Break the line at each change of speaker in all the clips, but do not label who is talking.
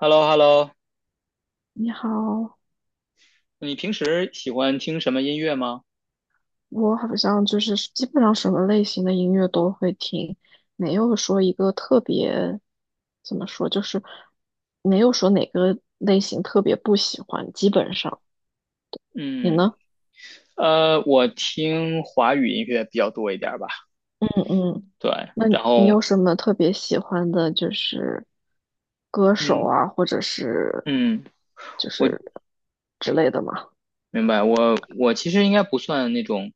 h e l l o h e l l o。
你好。
你平时喜欢听什么音乐吗？
我好像就是基本上什么类型的音乐都会听，没有说一个特别，怎么说，就是没有说哪个类型特别不喜欢，基本上。你
嗯，
呢？
我听华语音乐比较多一点儿吧。
嗯嗯。
对，
那
然
你
后，
有什么特别喜欢的，就是歌手
嗯
啊，或者是
嗯，
就是之类的吗？
明白。我其实应该不算那种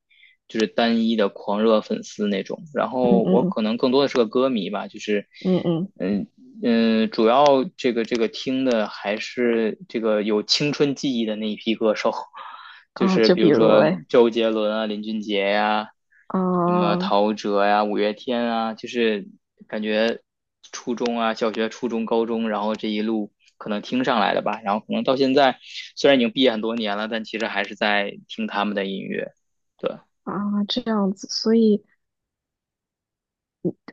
就是单一的狂热粉丝那种，然
嗯
后我
嗯
可能更多的是个歌迷吧，就是
嗯嗯。
嗯嗯，主要这个听的还是这个有青春记忆的那一批歌手，就
啊，
是
就
比
比
如
如
说
嘞。
周杰伦啊、林俊杰呀、什么
啊
陶喆呀、五月天啊，就是感觉初中啊、小学、初中、高中，然后这一路。可能听上来的吧。然后可能到现在，虽然已经毕业很多年了，但其实还是在听他们的音乐。对，
啊，这样子，所以。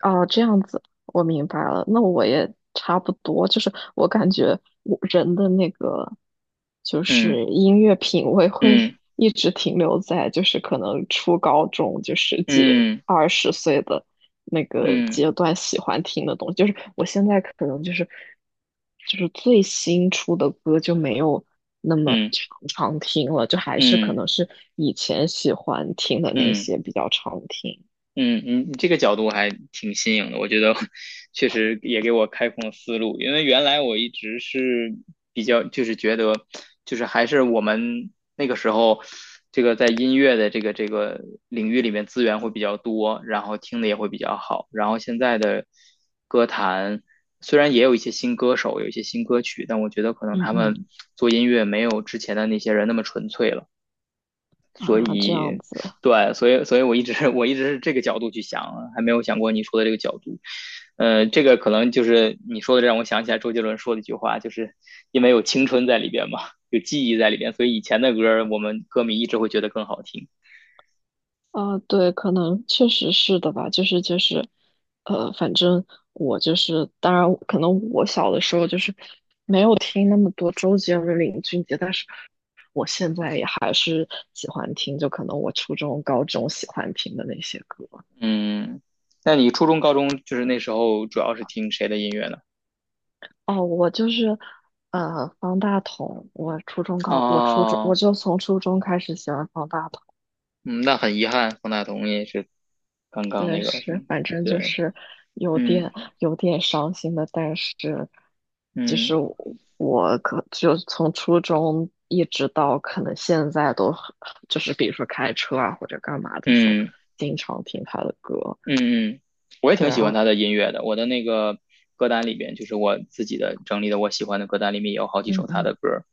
哦，这样子，我明白了。那我也差不多，就是我感觉我人的那个，就
嗯
是音乐品味会
嗯
一直停留在，就是可能初高中，就十几、
嗯
20岁的那个
嗯
阶段喜欢听的东西。就是我现在可能就是，就是最新出的歌就没有那么
嗯
常常听了，就还是
嗯
可
嗯。
能是以前喜欢听的那
嗯
些比较常听。
嗯嗯，你这个角度还挺新颖的，我觉得 确实也给我开阔了思路。因为原来我一直是比较，就是觉得，就是还是我们那个时候，这个在音乐的这个领域里面资源会比较多，然后听的也会比较好。然后现在的歌坛虽然也有一些新歌手，有一些新歌曲，但我觉得可能
嗯
他们
嗯。
做音乐没有之前的那些人那么纯粹了。
啊，这样子。
对，所以我一直是这个角度去想，还没有想过你说的这个角度。这个可能就是你说的，让我想起来周杰伦说的一句话，就是因为有青春在里边嘛，有记忆在里边，所以以前的歌我们歌迷一直会觉得更好听。
啊，对，可能确实是的吧，就是反正我就是，当然可能我小的时候就是没有听那么多周杰伦、林俊杰，但是我现在也还是喜欢听，就可能我初中、高中喜欢听的那些歌。
嗯，那你初中、高中就是那时候主要是听谁的音乐呢？
哦，我就是，方大同，我初中高，我初中我
哦，
就从初中开始喜欢方大同。
嗯，那很遗憾，方大同也是刚刚
对，
那个什
是，
么，
反正就
对，
是有
嗯
点有点伤心的，但是其
嗯
实我可就从初中一直到可能现在都很就是比如说开车啊或者干嘛的时候，
嗯。
经常听他的歌。
嗯嗯，我也
对，
挺
然
喜欢
后
他的音乐的。我的那个歌单里边，就是我自己的整理的我喜欢的歌单里面也有好几首
嗯
他
嗯。
的歌儿。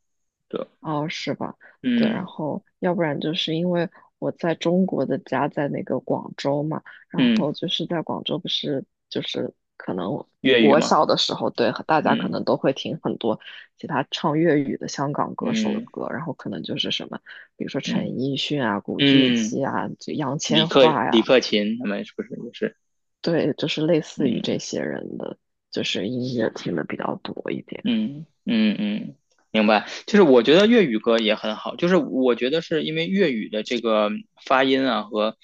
对，
哦，是吧？对，然
嗯
后要不然就是因为我在中国的家在那个广州嘛，然
嗯，
后就是在广州不是就是可能
粤语
我
嘛，
小的时候，对，大家可
嗯
能都会听很多其他唱粤语的香港歌手的
嗯
歌，然后可能就是什么，比如说陈
嗯
奕迅啊、古巨
嗯，
基啊、就杨千嬅
李
呀。
克勤他们是不是也是？
对，就是类似于这
嗯。
些人的，就是音乐听的比较多一点。
嗯嗯嗯，明白。就是我觉得粤语歌也很好，就是我觉得是因为粤语的这个发音啊和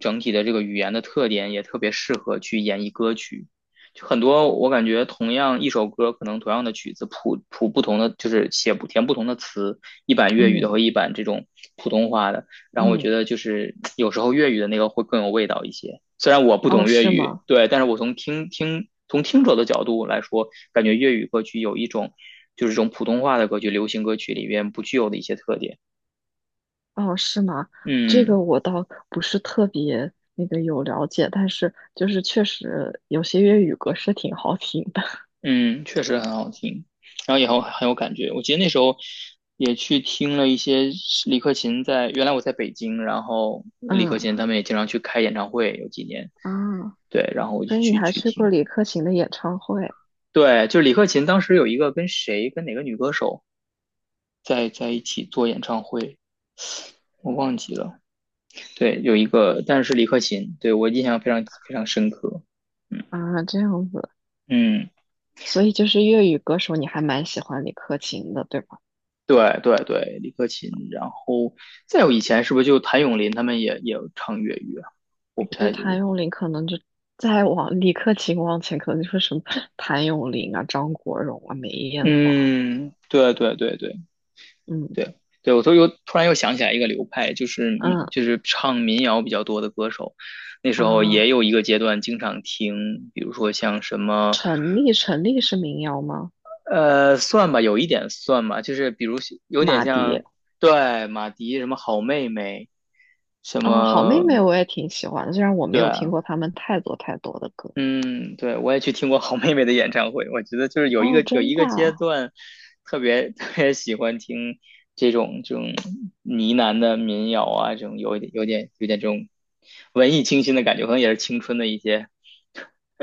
整体的这个语言的特点，也特别适合去演绎歌曲。就很多我感觉同样一首歌，可能同样的曲子谱不同的，就是写不填不同的词，一版粤语的
嗯
和一版这种普通话的。然后我
嗯。
觉得就是有时候粤语的那个会更有味道一些。虽然我不
哦，
懂粤
是
语，
吗？
对，但是我从从听者的角度来说，感觉粤语歌曲有一种就是这种普通话的歌曲、流行歌曲里边不具有的一些特点。
哦，是吗？这
嗯
个我倒不是特别那个有了解，但是就是确实有些粤语歌是挺好听的。
嗯，确实很好听，然后也很有感觉。我记得那时候也去听了一些李克勤在，原来我在北京，然后 李克
嗯。
勤他们也经常去开演唱会，有几年，
啊，
对，然后我就
所以你
去
还
去
去过
听。
李克勤的演唱会
对，就是李克勤当时有一个跟哪个女歌手在一起做演唱会，我忘记了。对，有一个，但是李克勤，对我印象非常非常深刻。嗯
啊？这样子，
嗯，
所以就是粤语歌手，你还蛮喜欢李克勤的，对吧？
对对对，李克勤。然后再有以前是不是就谭咏麟他们也唱粤语啊？
就是谭咏麟，可能就再往李克勤往前，可能就是什么谭咏麟啊、张国荣啊、梅艳芳。
嗯，对对对对
嗯
对对，我都又突然又想起来一个流派，就是
嗯。
就是唱民谣比较多的歌手。那时候
啊，
也有一个阶段经常听，比如说像什么
陈粒，陈粒是民谣吗？
算吧，有一点算吧，就是比如有点
马迪。
像，对，马迪什么好妹妹，什
啊，好妹妹
么，
我也挺喜欢的，虽然我没
对
有听
啊，
过他们太多太多的歌。
嗯，对，我也去听过好妹妹的演唱会，我觉得就是
哦，
有
真
一
的
个阶
啊？
段，特别 特别喜欢听这种呢喃的民谣啊，这种有一点有点有点这种文艺清新的感觉，可能也是青春的一些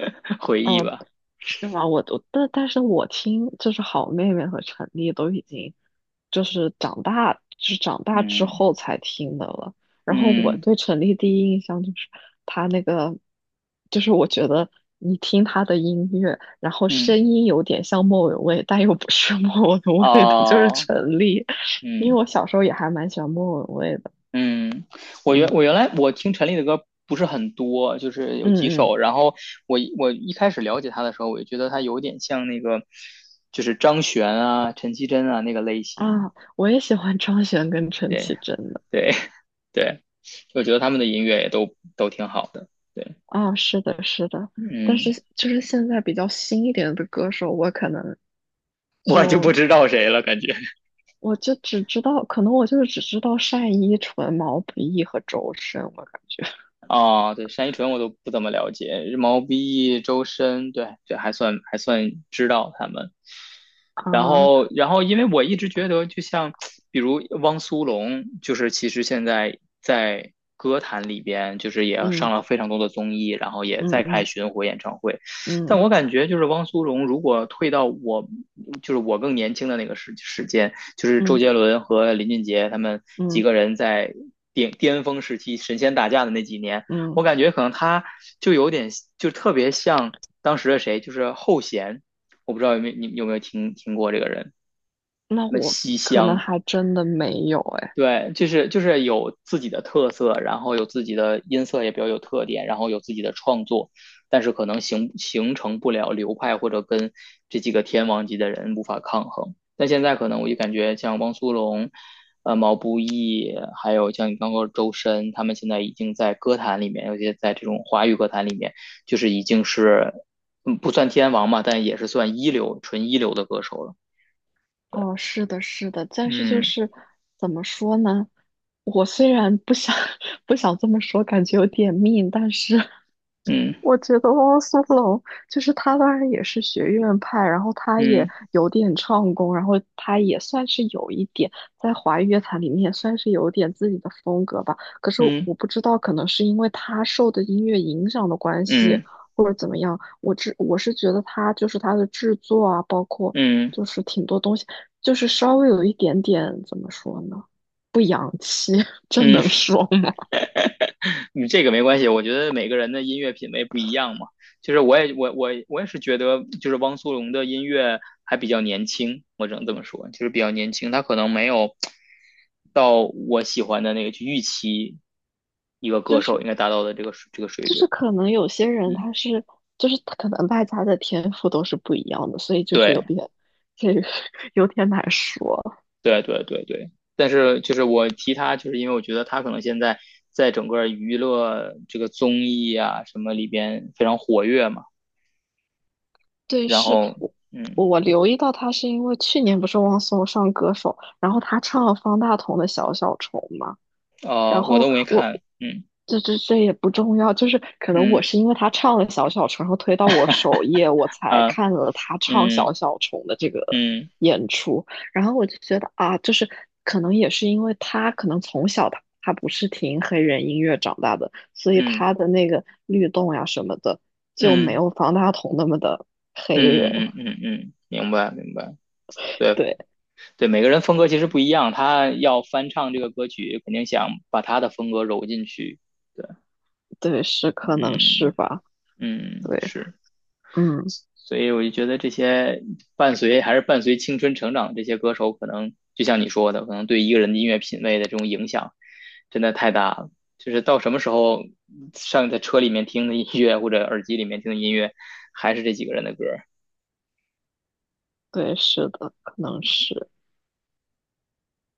回忆
哦，
吧，
是吗？我都，但是我听就是好妹妹和陈粒都已经就是长大，就是长大之
嗯
后才听的了。然后我
嗯
对陈粒第一印象就是她那个，就是我觉得你听她的音乐，然后声
嗯，
音有点像莫文蔚，但又不是莫文蔚的，就是
哦，
陈粒。因
嗯。
为我小时候也还蛮喜欢莫文蔚的。
嗯，
嗯。
我原来我听陈粒的歌不是很多，就是有几
嗯嗯。
首。然后我一开始了解他的时候，我就觉得他有点像那个，就是张悬啊、陈绮贞啊那个类型。
啊，我也喜欢张悬跟陈
对
绮贞的。
对 对，我觉得他们的音乐也都挺好的。对，
啊，是的，是的，但
嗯，
是就是现在比较新一点的歌手，我可能
我就不
就
知道谁了，感觉。
我就只知道，可能我就是只知道单依纯、毛不易和周深，我感觉
哦，对，单依纯我都不怎么了解，毛不易、周深，对，这还算知道他们。然
啊。
后，因为我一直觉得，就像比如汪苏泷，就是其实现在在歌坛里边，就是也上
嗯
了非常多的综艺，然后也在
嗯
开
嗯
巡回演唱会。但
嗯
我感觉，就是汪苏泷如果退到我，就是我更年轻的那个时间，就是周
嗯
杰伦和林俊杰他们几
嗯
个人在巅峰时期神仙打架的那几年，我
嗯。
感觉可能他就有点，就特别像当时的谁，就是后弦。我不知道你有没有听过这个人，
那
什么
我
西
可能
厢，
还真的没有哎。
对，就是有自己的特色，然后有自己的音色也比较有特点，然后有自己的创作，但是可能形成不了流派或者跟这几个天王级的人无法抗衡。但现在可能我就感觉像汪苏泷。毛不易，还有像你刚刚说周深，他们现在已经在歌坛里面，尤其在这种华语歌坛里面，就是已经是，不算天王嘛，但也是算一流、纯一流的歌手了。
哦，是的，是的，但是就
嗯
是怎么说呢？我虽然不想 不想这么说，感觉有点命，但是
嗯
我觉得汪苏泷就是他，当然也是学院派，然后他也
嗯
有点唱功，然后他也算是有一点在华语乐坛里面也算是有点自己的风格吧。可是
嗯
我不知道，可能是因为他受的音乐影响的关系，
嗯
或者怎么样，我是觉得他就是他的制作啊，包括。
嗯
就是挺多东西。就是稍微有一点点怎么说呢，不洋气，这
嗯，嗯
能说吗？
你这个没关系，我觉得每个人的音乐品味不一样嘛。就是我也是觉得，就是汪苏泷的音乐还比较年轻，我只能这么说，就是比较年轻，他可能没有到我喜欢的那个去预期一个
就
歌
是
手应该达到的这个水
就
准。
是可能有些人
嗯，
他是就是可能大家的天赋都是不一样的，所以就是有
对。
点这个 有点难说。
对对对对，但是就是我提他，就是因为我觉得他可能现在在整个娱乐这个综艺啊什么里边非常活跃嘛，
对，
然
是
后嗯
我留意到他是因为去年不是汪苏泷上歌手，然后他唱了方大同的《小小虫》嘛。然
哦、我
后
都没
我
看，嗯
这也不重要，就是可能
嗯
我是因为他唱了小小虫，然后推到我首页，我才
啊
看了他唱小
嗯
小虫的这个
嗯
演出，然后我就觉得啊，就是可能也是因为他可能从小他不是听黑人音乐长大的，所以
嗯
他的那个律动呀什么的就没
嗯嗯
有方大同那么的黑人。
嗯嗯嗯嗯，明白明白，对
对
对，每个人风格其实不一样，他要翻唱这个歌曲，肯定想把他的风格揉进去，对，
对，是可能是
嗯
吧。
嗯
对。
是。
嗯。
所以我就觉得这些伴随青春成长的这些歌手，可能就像你说的，可能对一个人的音乐品味的这种影响真的太大了。就是到什么时候在车里面听的音乐，或者耳机里面听的音乐，还是这几个人的歌
对，是的可能是。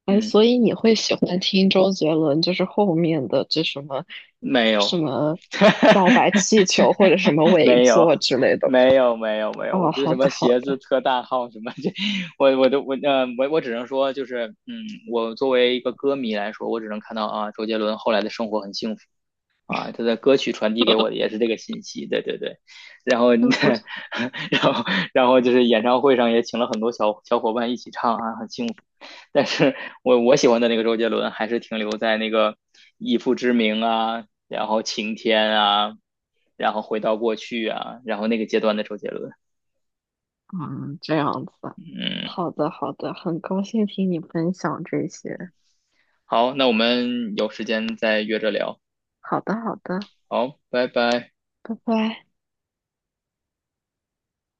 哎，
嗯，
所以你会喜欢听周杰伦，就是后面的这什么
没
什
有，
么告白气球或者什么 尾
没有，
作之类的吗？
没有，没有，没有。我
哦，
觉得
好
什
的
么
好
鞋子
的。
特大号什么这，我只能说就是我作为一个歌迷来说，我只能看到啊，周杰伦后来的生活很幸福。啊，他的歌曲传递给我的 也是这个信息，对对对。然后，
真互。
然后，然后就是演唱会上也请了很多小伙伴一起唱啊，很幸福。但是我喜欢的那个周杰伦还是停留在那个以父之名啊，然后晴天啊，然后回到过去啊，然后那个阶段的周杰伦。
嗯，这样子，
嗯，
好的好的，很高兴听你分享这些，
好，那我们有时间再约着聊。
好的好的，
好，拜拜。
拜拜。